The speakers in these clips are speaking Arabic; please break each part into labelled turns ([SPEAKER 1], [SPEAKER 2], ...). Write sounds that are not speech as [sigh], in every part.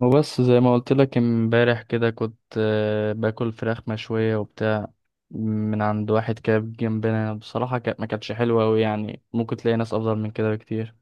[SPEAKER 1] وبس زي ما قلت لك امبارح كده كنت باكل فراخ مشوية وبتاع من عند واحد كده جنبنا. بصراحة كانت ما كانتش حلوة أوي، يعني ممكن تلاقي ناس أفضل من كده بكتير.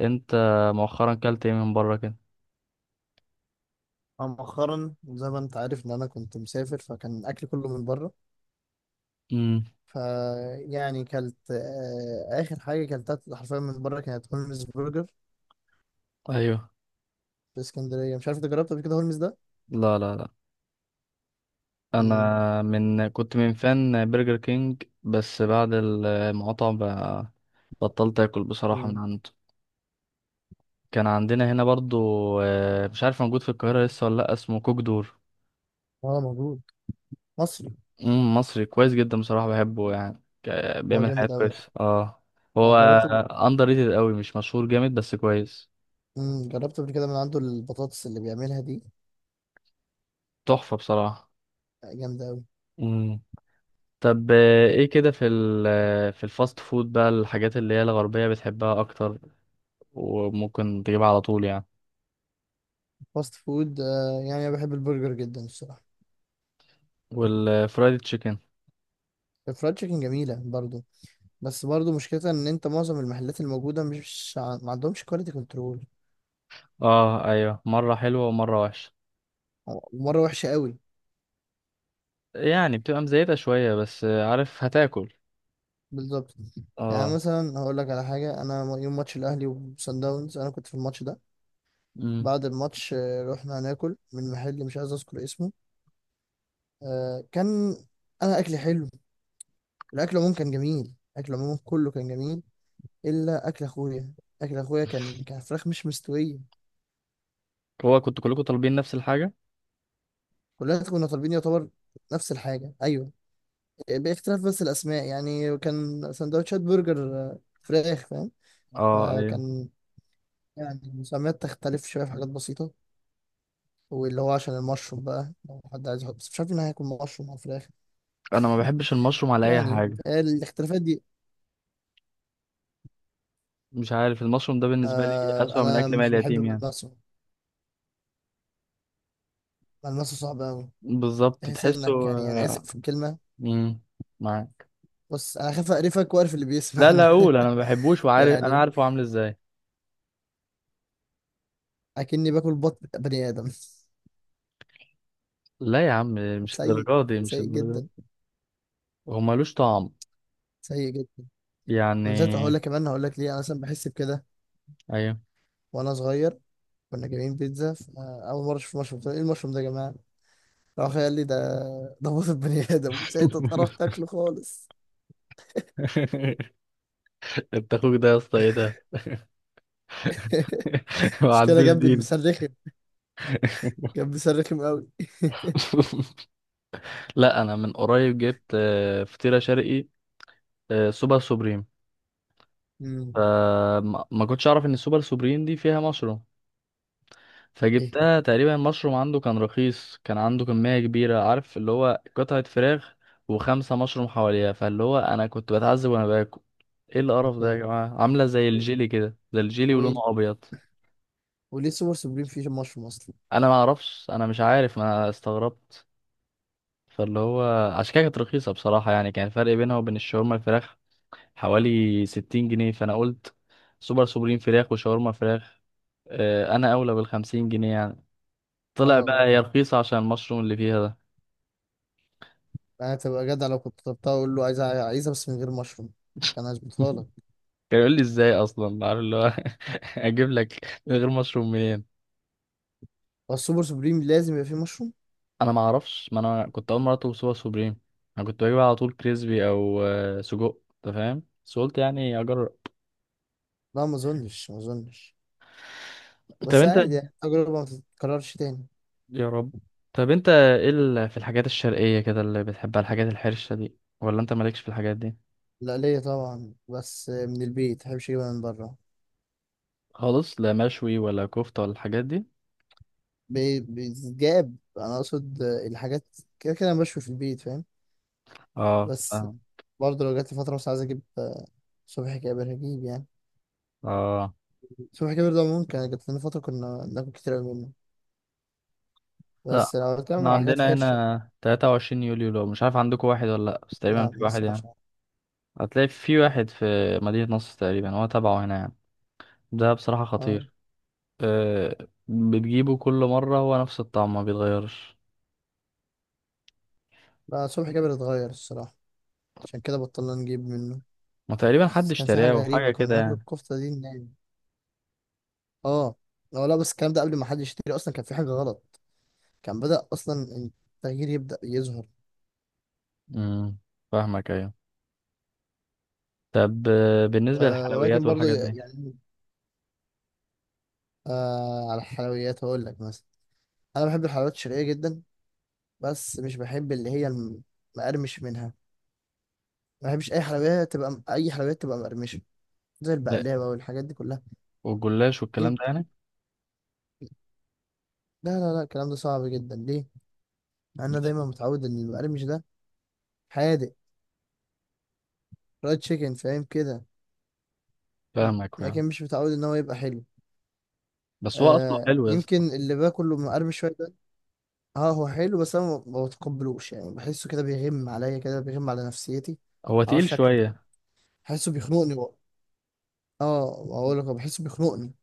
[SPEAKER 1] أنت مؤخرا كلت إيه من بره كده؟
[SPEAKER 2] أنا مؤخرا زي ما أنت عارف إن أنا كنت مسافر فكان أكلي كله من بره.
[SPEAKER 1] امم
[SPEAKER 2] فيعني كلت آخر حاجة كلتها حرفيا من بره كانت هولمز برجر
[SPEAKER 1] أيوه.
[SPEAKER 2] في اسكندرية. مش عارف أنت جربت قبل كده هولمز ده؟
[SPEAKER 1] لا.
[SPEAKER 2] مم.
[SPEAKER 1] أنا من كنت من فان برجر كينج، بس بعد المقاطعة بقى بطلت آكل بصراحة من
[SPEAKER 2] مم.
[SPEAKER 1] عنده. كان عندنا هنا برضو، مش عارف موجود في القاهرة لسه ولا لأ، اسمه كوك دور.
[SPEAKER 2] هو موجود. مصري.
[SPEAKER 1] مم، مصري كويس جدا بصراحة، بحبه يعني
[SPEAKER 2] هو
[SPEAKER 1] بيعمل حاجات
[SPEAKER 2] جامد أوي.
[SPEAKER 1] كويسة. اه،
[SPEAKER 2] أنا
[SPEAKER 1] هو
[SPEAKER 2] جربت.
[SPEAKER 1] اندر ريتد قوي، مش مشهور جامد بس كويس.
[SPEAKER 2] مم. جربت قبل كده من عنده البطاطس اللي بيعملها دي.
[SPEAKER 1] تحفة بصراحة.
[SPEAKER 2] جامدة أوي.
[SPEAKER 1] مم. طب ايه كده في في الفاست فود بقى الحاجات اللي هي الغربية بتحبها اكتر، وممكن تجيبها على طول يعني؟
[SPEAKER 2] فاست فود يعني أنا بحب البرجر جدا الصراحة.
[SPEAKER 1] والفرايد تشيكن؟
[SPEAKER 2] الفرايد تشيكن جميلة برضو. بس برضو مشكلتها إن أنت معظم المحلات الموجودة مش ع- ما عندهمش كواليتي كنترول.
[SPEAKER 1] اه ايوه، مرة حلوة ومرة وحشة.
[SPEAKER 2] مره وحشه قوي.
[SPEAKER 1] يعني بتبقى مزيتة شوية، بس عارف هتاكل.
[SPEAKER 2] بالظبط. يعني
[SPEAKER 1] اه.
[SPEAKER 2] مثلا هقول لك على حاجه، انا يوم ماتش الاهلي وصن داونز انا كنت في الماتش ده.
[SPEAKER 1] مم.
[SPEAKER 2] بعد الماتش رحنا ناكل من محل مش عايز اذكر اسمه. كان انا اكلي حلو. الاكل عموما كان جميل. الاكل عموما كله كان جميل. الا اكل اخويا. اكل اخويا كان فراخ مش مستويه.
[SPEAKER 1] هو كنتوا كلكم طالبين نفس الحاجة؟
[SPEAKER 2] كلنا كنا طالبين يعتبر نفس الحاجه، ايوه. باختلاف بس الاسماء، يعني كان سندوتشات برجر فراخ فاهم.
[SPEAKER 1] اه ايوه.
[SPEAKER 2] فكان يعني المسميات تختلف شوية في حاجات بسيطة، واللي هو عشان المشروم بقى، لو حد عايز يحط، بس مش عارف ان هياكل مشروم على الفراخ.
[SPEAKER 1] انا ما بحبش المشروم على اي
[SPEAKER 2] يعني
[SPEAKER 1] حاجة.
[SPEAKER 2] الاختلافات دي.
[SPEAKER 1] مش عارف، المشروم ده بالنسبة لي أسوأ من
[SPEAKER 2] انا
[SPEAKER 1] أكل مال
[SPEAKER 2] مش بحب
[SPEAKER 1] اليتيم يعني.
[SPEAKER 2] ملمسه. ملمسه صعب قوي.
[SPEAKER 1] بالظبط،
[SPEAKER 2] تحس
[SPEAKER 1] تحسه.
[SPEAKER 2] انك، يعني انا اسف في الكلمة،
[SPEAKER 1] امم معاك.
[SPEAKER 2] بس انا خايف اقرفك واقرف اللي
[SPEAKER 1] لا لا،
[SPEAKER 2] بيسمعنا.
[SPEAKER 1] أقول
[SPEAKER 2] [laughs]
[SPEAKER 1] أنا ما بحبوش، وعارف، أنا
[SPEAKER 2] يعني
[SPEAKER 1] عارف هو عامل إزاي.
[SPEAKER 2] اكني باكل بطن بني ادم.
[SPEAKER 1] لا يا عم، مش
[SPEAKER 2] سيء.
[SPEAKER 1] الدرجة دي، مش
[SPEAKER 2] سيء
[SPEAKER 1] الدرجة دي.
[SPEAKER 2] جدا.
[SPEAKER 1] هو ملوش طعم
[SPEAKER 2] سيء جدا. وبالذات
[SPEAKER 1] يعني.
[SPEAKER 2] هقول لك كمان، هقول لك ليه انا مثلا بحس بكده.
[SPEAKER 1] أيوه.
[SPEAKER 2] وانا صغير كنا جايبين بيتزا، فاول مره اشوف مشروم قلت له، ايه المشروم ده يا جماعه؟ راح قال لي ده موت البني ادم. ساعتها اتقرفت اكله خالص.
[SPEAKER 1] [laughs] أنت أخوك ده يا اسطى، إيه ده؟
[SPEAKER 2] [laughs]
[SPEAKER 1] [laughs] ما
[SPEAKER 2] مش كده،
[SPEAKER 1] عندوش
[SPEAKER 2] جنبي
[SPEAKER 1] دين.
[SPEAKER 2] مسرخم.
[SPEAKER 1] [laughs]
[SPEAKER 2] جنبي مسرخم قوي.
[SPEAKER 1] لا، أنا من قريب جبت فطيرة شرقي، سوبر سوبريم.
[SPEAKER 2] [laughs] مم.
[SPEAKER 1] آه، ما ما كنتش أعرف إن السوبر سوبريم دي فيها مشروم،
[SPEAKER 2] ايه
[SPEAKER 1] فجبتها. تقريبا المشروم عنده كان رخيص، كان عنده كمية كبيرة، عارف اللي هو قطعة فراخ وخمسة مشروم حواليها. فاللي هو أنا كنت بتعذب وأنا باكل. ايه
[SPEAKER 2] إيه
[SPEAKER 1] القرف ده يا
[SPEAKER 2] تاني؟
[SPEAKER 1] جماعة، عاملة زي الجيلي كده، زي الجيلي
[SPEAKER 2] وإيه-
[SPEAKER 1] ولونه أبيض.
[SPEAKER 2] وليه سوبر سوبريم فيه مشروم اصلا؟
[SPEAKER 1] أنا ما أعرفش، أنا مش عارف، ما أنا استغربت. فاللي هو عشان كده كانت رخيصة بصراحة. يعني كان الفرق بينها وبين الشاورما الفراخ حوالي 60 جنيه، فأنا قلت سوبر سوبرين فراخ وشاورما فراخ، أنا أولى بال50 جنيه يعني.
[SPEAKER 2] اه،
[SPEAKER 1] طلع بقى
[SPEAKER 2] اه.
[SPEAKER 1] هي رخيصة عشان المشروم اللي فيها ده.
[SPEAKER 2] انا تبقى جدع لو كنت طلبتها، اقول له عايزها، عايزها بس من غير مشروم، كان هظبطها لك.
[SPEAKER 1] كان يقول لي ازاي اصلا، عارف اللي هو [laughs] اجيب لك من غير مشروم منين؟
[SPEAKER 2] هو السوبر سوبريم لازم يبقى فيه مشروم؟
[SPEAKER 1] انا ما اعرفش، ما انا كنت اول مره اطلب سوبر سوبريم. انا كنت بجيب على طول كريسبي او سجق، انت فاهم، بس قلت يعني اجرب.
[SPEAKER 2] لا، ما اظنش ما اظنش.
[SPEAKER 1] طب
[SPEAKER 2] بس
[SPEAKER 1] انت،
[SPEAKER 2] عادي، يعني تجربة ما تتكررش تاني.
[SPEAKER 1] يا رب، طب انت ايه في الحاجات الشرقيه كده اللي بتحبها، الحاجات الحرشه دي، ولا انت مالكش في الحاجات دي
[SPEAKER 2] لا ليا طبعا، بس من البيت مبحبش اجيبها من بره.
[SPEAKER 1] خالص؟ لا مشوي ولا كفته ولا الحاجات دي؟
[SPEAKER 2] بيتجاب انا اقصد الحاجات. كده كده انا بشوي في البيت فاهم.
[SPEAKER 1] اه
[SPEAKER 2] بس
[SPEAKER 1] اه.
[SPEAKER 2] برضه لو جات لي فتره مثلا عايز اجيب صبحي كابر هجيب يعني.
[SPEAKER 1] اه.
[SPEAKER 2] صبحي كابر ده ممكن جات لنا فتره كنا ناكل كتير قوي منه.
[SPEAKER 1] لا،
[SPEAKER 2] بس لو بتكلم
[SPEAKER 1] احنا
[SPEAKER 2] على حاجات
[SPEAKER 1] عندنا
[SPEAKER 2] حرشه.
[SPEAKER 1] هنا 23 يوليو، لو مش عارف. عندكم واحد ولا لا؟ بس تقريبا
[SPEAKER 2] لا
[SPEAKER 1] في
[SPEAKER 2] ما
[SPEAKER 1] واحد
[SPEAKER 2] اسمعش
[SPEAKER 1] يعني،
[SPEAKER 2] عنه.
[SPEAKER 1] هتلاقي في واحد في مدينة نصر تقريبا، هو تبعه هنا يعني. ده بصراحة
[SPEAKER 2] اه.
[SPEAKER 1] خطير. أه، بتجيبه كل مرة هو نفس الطعم، ما بيتغيرش.
[SPEAKER 2] لا، صبحي كابر اتغير الصراحه، عشان كده بطلنا نجيب منه.
[SPEAKER 1] ما تقريبا حد
[SPEAKER 2] بس كان في
[SPEAKER 1] اشتراه
[SPEAKER 2] حاجه
[SPEAKER 1] وحاجة
[SPEAKER 2] غريبه كنا
[SPEAKER 1] كده
[SPEAKER 2] ناكل
[SPEAKER 1] يعني.
[SPEAKER 2] الكفته دي نايم. اه. لا لا، بس الكلام ده قبل ما حد يشتري اصلا كان في حاجه غلط. كان بدأ اصلا التغيير يبدأ يظهر.
[SPEAKER 1] امم فاهمك، ايوه. طب بالنسبة للحلويات
[SPEAKER 2] ولكن برضه
[SPEAKER 1] والحاجات دي.
[SPEAKER 2] يعني على الحلويات هقول لك مثلا، انا بحب الحلويات الشرقيه جدا. بس مش بحب اللي هي المقرمش منها. ما بحبش اي حلويات تبقى مقرمشه، زي
[SPEAKER 1] ده
[SPEAKER 2] البقلاوه والحاجات دي كلها.
[SPEAKER 1] والجلاش والكلام
[SPEAKER 2] يم-
[SPEAKER 1] ده يعني؟
[SPEAKER 2] لا لا لا، الكلام ده صعب جدا ليه؟ مع إن انا
[SPEAKER 1] لا.
[SPEAKER 2] دايما متعود ان المقرمش ده حادق، فرايد تشيكن فاهم كده.
[SPEAKER 1] فاهمك، فاهم.
[SPEAKER 2] لكن مش متعود ان هو يبقى حلو.
[SPEAKER 1] بس هو اصله حلو يا
[SPEAKER 2] يمكن
[SPEAKER 1] اسطى.
[SPEAKER 2] اللي باكله مقرمش شويه ده. اه هو حلو، بس انا ما بتقبلوش، يعني بحسه كده بيغم عليا، كده بيغم على نفسيتي.
[SPEAKER 1] هو
[SPEAKER 2] معرفش
[SPEAKER 1] تقيل
[SPEAKER 2] شكله.
[SPEAKER 1] شوية.
[SPEAKER 2] بحسه بيخنقني. اه بقول لك أنا بحسه بيخنقني.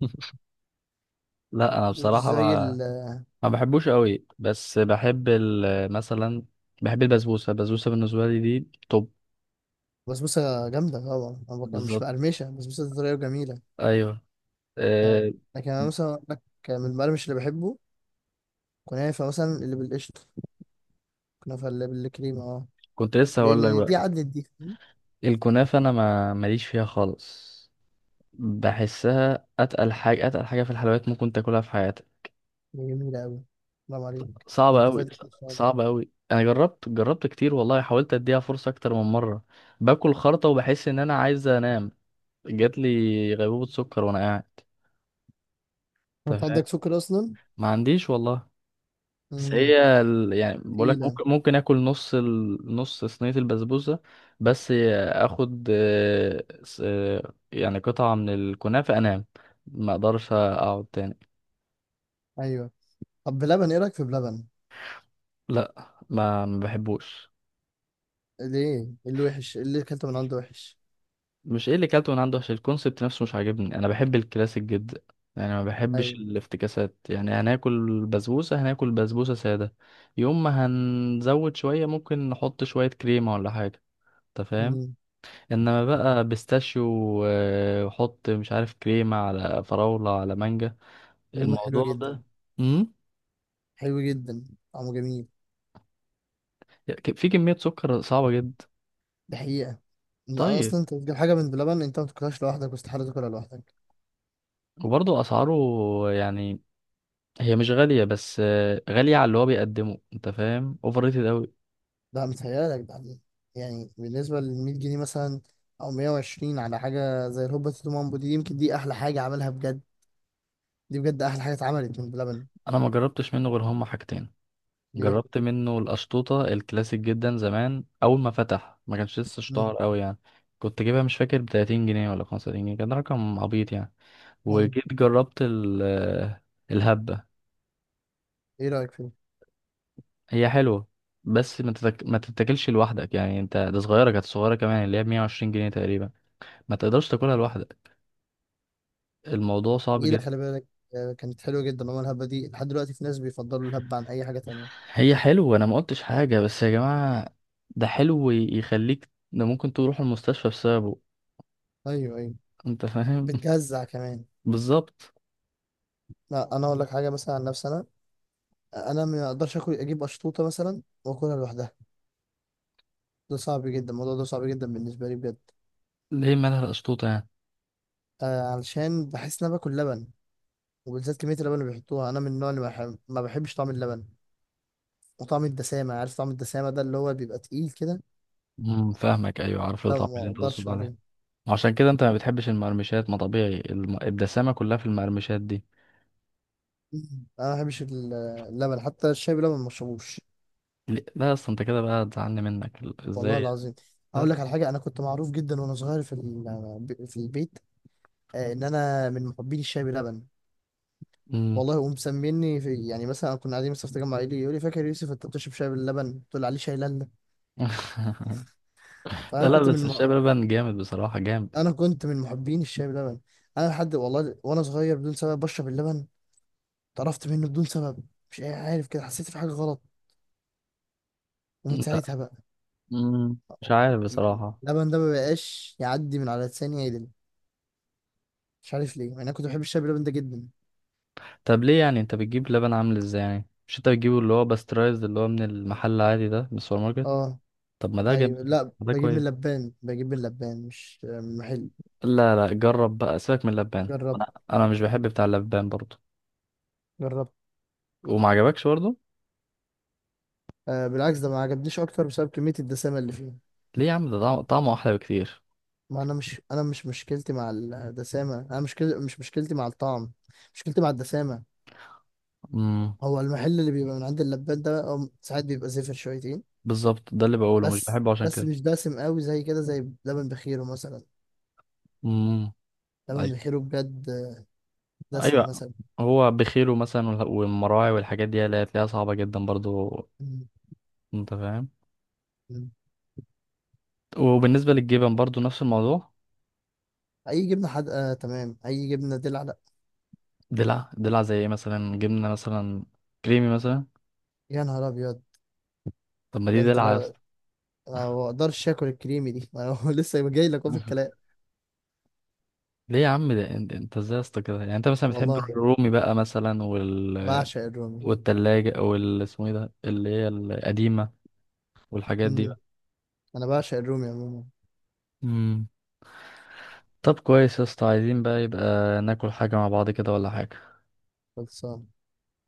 [SPEAKER 1] [laughs] لا انا
[SPEAKER 2] مش
[SPEAKER 1] بصراحة
[SPEAKER 2] زي
[SPEAKER 1] ما بحبوش قوي، بس بحب مثلا بحب البسبوسة. البسبوسة بالنسبة لي دي توب.
[SPEAKER 2] البسبوسه جامده طبعا، انا مش
[SPEAKER 1] بالظبط.
[SPEAKER 2] مقرمشه البسبوسه دي، طريه وجميله.
[SPEAKER 1] ايوه.
[SPEAKER 2] آه،
[SPEAKER 1] أه.
[SPEAKER 2] لكن انا مثلا أقول لك، من المقرمش اللي بحبه كنافه مثلا اللي بالقشطه، كنافه اللي بالكريمه، اه.
[SPEAKER 1] كنت لسه
[SPEAKER 2] ليه؟
[SPEAKER 1] هقول لك
[SPEAKER 2] لان
[SPEAKER 1] بقى،
[SPEAKER 2] دي عدلت دي، فاهم؟
[SPEAKER 1] الكنافة انا ما ماليش فيها خالص. بحسها اتقل حاجة، اتقل حاجة في الحلويات ممكن تاكلها في حياتك.
[SPEAKER 2] دي جميله قوي. برافو عليك. ده
[SPEAKER 1] صعبة
[SPEAKER 2] انت
[SPEAKER 1] قوي.
[SPEAKER 2] فاتك ان شاء الله.
[SPEAKER 1] صعبة قوي. انا جربت، جربت كتير والله، حاولت اديها فرصة اكتر من مرة. باكل خرطة وبحس ان انا عايز انام. جات لي غيبوبة سكر وانا قاعد.
[SPEAKER 2] انت
[SPEAKER 1] انت فاهم.
[SPEAKER 2] عندك سكر اصلا؟
[SPEAKER 1] ما عنديش والله. بس
[SPEAKER 2] امم.
[SPEAKER 1] هي ال... يعني بقولك
[SPEAKER 2] تقيله.
[SPEAKER 1] ممكن، ممكن اكل نص ال... نص صينية البسبوسة بس. اخد يعني قطعة من الكنافة، انام، ما اقدرش اقعد تاني.
[SPEAKER 2] ايوه. طب بلبن، ايه رايك في بلبن؟
[SPEAKER 1] لا ما بحبوش.
[SPEAKER 2] ليه؟ إيه اللي وحش؟ إيه اللي اكلته من عنده وحش؟
[SPEAKER 1] مش ايه اللي كلته من عنده، عشان الكونسبت نفسه مش عاجبني. انا بحب الكلاسيك جدا يعني، ما بحبش
[SPEAKER 2] ايوه.
[SPEAKER 1] الافتكاسات. يعني هناكل بسبوسة، هناكل بسبوسة سادة. يوم ما هنزود شوية ممكن نحط شوية كريمة ولا حاجة، انت فاهم.
[SPEAKER 2] امم.
[SPEAKER 1] انما بقى بيستاشيو وحط مش عارف كريمة على فراولة على مانجا،
[SPEAKER 2] حلوه
[SPEAKER 1] الموضوع
[SPEAKER 2] جدا.
[SPEAKER 1] ده. امم
[SPEAKER 2] حلو جدا. طعمه جميل.
[SPEAKER 1] في كمية سكر صعبة جدا.
[SPEAKER 2] ده حقيقه. لا
[SPEAKER 1] طيب،
[SPEAKER 2] اصلا انت بتجيب حاجه من بلبن، انت ما بتاكلهاش لوحدك، واستحاله تاكلها لوحدك.
[SPEAKER 1] وبرضه اسعاره يعني. هي مش غالية، بس غالية على اللي هو بيقدمه، انت فاهم، اوفر ريتد اوي.
[SPEAKER 2] ده متهيألك ده. يعني بالنسبه لل 100 جنيه مثلا، او 120 على حاجه زي الهوبا تيتو مامبو دي، يمكن دي احلى حاجه عملها بجد، دي بجد احلى حاجه اتعملت من بلبن.
[SPEAKER 1] انا ما جربتش منه غير هما حاجتين.
[SPEAKER 2] ليه؟
[SPEAKER 1] جربت منه القشطوطة الكلاسيك جدا زمان، اول ما فتح، ما كانش لسه
[SPEAKER 2] امم.
[SPEAKER 1] اشتهر اوي يعني. كنت جايبها مش فاكر ب 30 جنيه ولا 35 جنيه. كان رقم عبيط يعني.
[SPEAKER 2] ايوه.
[SPEAKER 1] وجيت جربت الهبة.
[SPEAKER 2] ايه رايك فيه؟
[SPEAKER 1] هي حلوة، بس ما تتاكلش لوحدك يعني. انت ده صغيرة، كانت صغيرة كمان، اللي هي ب 120 جنيه تقريبا. ما تقدرش تاكلها لوحدك، الموضوع صعب
[SPEAKER 2] جميله،
[SPEAKER 1] جدا.
[SPEAKER 2] خلي بالك. كانت حلوه جدا عمر الهبه دي، لحد دلوقتي في ناس بيفضلوا الهبه عن اي حاجه تانية.
[SPEAKER 1] هي حلوة، انا ما قلتش حاجة، بس يا جماعة ده حلو يخليك، ده ممكن تروح المستشفى بسببه.
[SPEAKER 2] ايوه، ايوه.
[SPEAKER 1] انت فاهم.
[SPEAKER 2] بتجزع كمان.
[SPEAKER 1] [laughs] بالظبط.
[SPEAKER 2] لا انا اقول لك حاجه مثلا عن نفسي، انا ما اقدرش اجيب اشطوطه مثلا واكلها لوحدها. ده صعب جدا، الموضوع ده صعب جدا بالنسبة لي بجد.
[SPEAKER 1] ليه مالها القشطوطة يعني؟
[SPEAKER 2] علشان بحس ان انا باكل لبن. وبالذات كمية اللبن اللي بيحطوها، انا من النوع اللي ما بحبش طعم اللبن. وطعم الدسامة، عارف طعم الدسامة ده اللي هو بيبقى تقيل كده؟
[SPEAKER 1] فاهمك، ايوه، عارف
[SPEAKER 2] لا
[SPEAKER 1] الطعم
[SPEAKER 2] ما
[SPEAKER 1] اللي انت تقصد
[SPEAKER 2] اقدرش
[SPEAKER 1] عليه.
[SPEAKER 2] عليه.
[SPEAKER 1] عشان كده انت ما بتحبش المقرمشات، ما طبيعي، الدسامة كلها في المقرمشات دي.
[SPEAKER 2] مم. انا ما بحبش اللبن، حتى الشاي بلبن ما بشربوش.
[SPEAKER 1] ليه؟ لا اصل انت كده بقى هتزعلني منك، ازاي
[SPEAKER 2] والله
[SPEAKER 1] يعني؟
[SPEAKER 2] العظيم
[SPEAKER 1] لا
[SPEAKER 2] اقول
[SPEAKER 1] لا.
[SPEAKER 2] لك على حاجة، انا كنت معروف جدا وانا صغير في البيت ان انا من محبين الشاي بلبن.
[SPEAKER 1] مم.
[SPEAKER 2] والله ومسميني، في يعني مثلا كنا قاعدين مثلا في تجمع عائلي، يقول لي: فاكر يوسف انت بتشرب شاي باللبن، قلت له عليه شاي لالا.
[SPEAKER 1] [laughs]
[SPEAKER 2] فانا
[SPEAKER 1] لا لا،
[SPEAKER 2] كنت
[SPEAKER 1] بس
[SPEAKER 2] من
[SPEAKER 1] الشاي بلبن جامد بصراحة، جامد.
[SPEAKER 2] انا كنت من محبين الشاي بلبن. انا لحد، والله وانا صغير بدون سبب بشرب اللبن، اتقرفت منه بدون سبب. مش عارف، كده حسيت في حاجه غلط، ومن
[SPEAKER 1] لا.
[SPEAKER 2] ساعتها بقى
[SPEAKER 1] مم. مش عارف
[SPEAKER 2] يعني
[SPEAKER 1] بصراحة.
[SPEAKER 2] اللبن ده ما بقاش يعدي من على لساني عدل. مش عارف ليه، يعني انا كنت بحب الشاي بلبن ده جدا.
[SPEAKER 1] طب ليه يعني؟ انت بتجيب لبن عامل ازاي يعني؟ مش انت بتجيبه اللي هو باسترايزد، اللي هو من المحل العادي ده، من السوبر ماركت؟
[SPEAKER 2] اه،
[SPEAKER 1] طب ما ده
[SPEAKER 2] ايوه.
[SPEAKER 1] جميل،
[SPEAKER 2] لا
[SPEAKER 1] ما ده
[SPEAKER 2] بجيب من
[SPEAKER 1] كويس.
[SPEAKER 2] لبان، بجيب من لبان مش من محل.
[SPEAKER 1] لا لا، جرب بقى، سيبك من اللبان.
[SPEAKER 2] جربت.
[SPEAKER 1] انا مش بحب بتاع اللبان برضه.
[SPEAKER 2] جربت.
[SPEAKER 1] وما عجبكش برضه.
[SPEAKER 2] بالعكس ده ما عجبنيش اكتر بسبب كميه الدسامه اللي فيه.
[SPEAKER 1] ليه يا عم ده طعمه احلى بكتير.
[SPEAKER 2] ما انا مش، انا مش مشكلتي مع الدسامه، انا مشكلتي، مش مشكلتي مع الطعم، مشكلتي مع الدسامه.
[SPEAKER 1] امم
[SPEAKER 2] هو المحل اللي بيبقى من عند اللبان ده أو ساعات بيبقى زفر شويتين.
[SPEAKER 1] بالظبط، ده اللي بقوله، مش
[SPEAKER 2] بس
[SPEAKER 1] بحبه عشان
[SPEAKER 2] بس
[SPEAKER 1] كده.
[SPEAKER 2] مش دسم قوي زي كده، زي لبن بخيره مثلا.
[SPEAKER 1] امم
[SPEAKER 2] لبن بخيره بجد دسم
[SPEAKER 1] ايوه.
[SPEAKER 2] مثلا.
[SPEAKER 1] هو بخيله مثلا والمراعي والحاجات دي، اللي هتلاقيها صعبة جدا برضو.
[SPEAKER 2] م-
[SPEAKER 1] انت فاهم.
[SPEAKER 2] م.
[SPEAKER 1] وبالنسبة للجبن برضو نفس الموضوع.
[SPEAKER 2] اي جبنه حادقه تمام. اي جبنه دلع لا.
[SPEAKER 1] دلع؟ دلع زي ايه مثلا؟ جبنة مثلا كريمي مثلا؟
[SPEAKER 2] يا نهار ابيض.
[SPEAKER 1] طب ما دي
[SPEAKER 2] ده انت
[SPEAKER 1] دلع
[SPEAKER 2] لو
[SPEAKER 1] يا لا اسطى.
[SPEAKER 2] أنا ما اقدرش اكل الكريمي دي، ما هو [laughs] لسه جاي لك أهو في الكلام.
[SPEAKER 1] [laughs] ليه يا عم؟ ده انت، انت ازاي يا اسطى كده يعني؟ انت مثلا بتحب
[SPEAKER 2] والله
[SPEAKER 1] الرومي بقى مثلا،
[SPEAKER 2] بعشق الرومي.
[SPEAKER 1] والتلاجة وال اسمه ايه ده اللي هي القديمة والحاجات دي
[SPEAKER 2] م.
[SPEAKER 1] بقى؟
[SPEAKER 2] انا بعشق الرومي عموما.
[SPEAKER 1] مم. طب كويس يا اسطى، عايزين بقى يبقى ناكل حاجة مع بعض كده ولا حاجة؟
[SPEAKER 2] خلصان.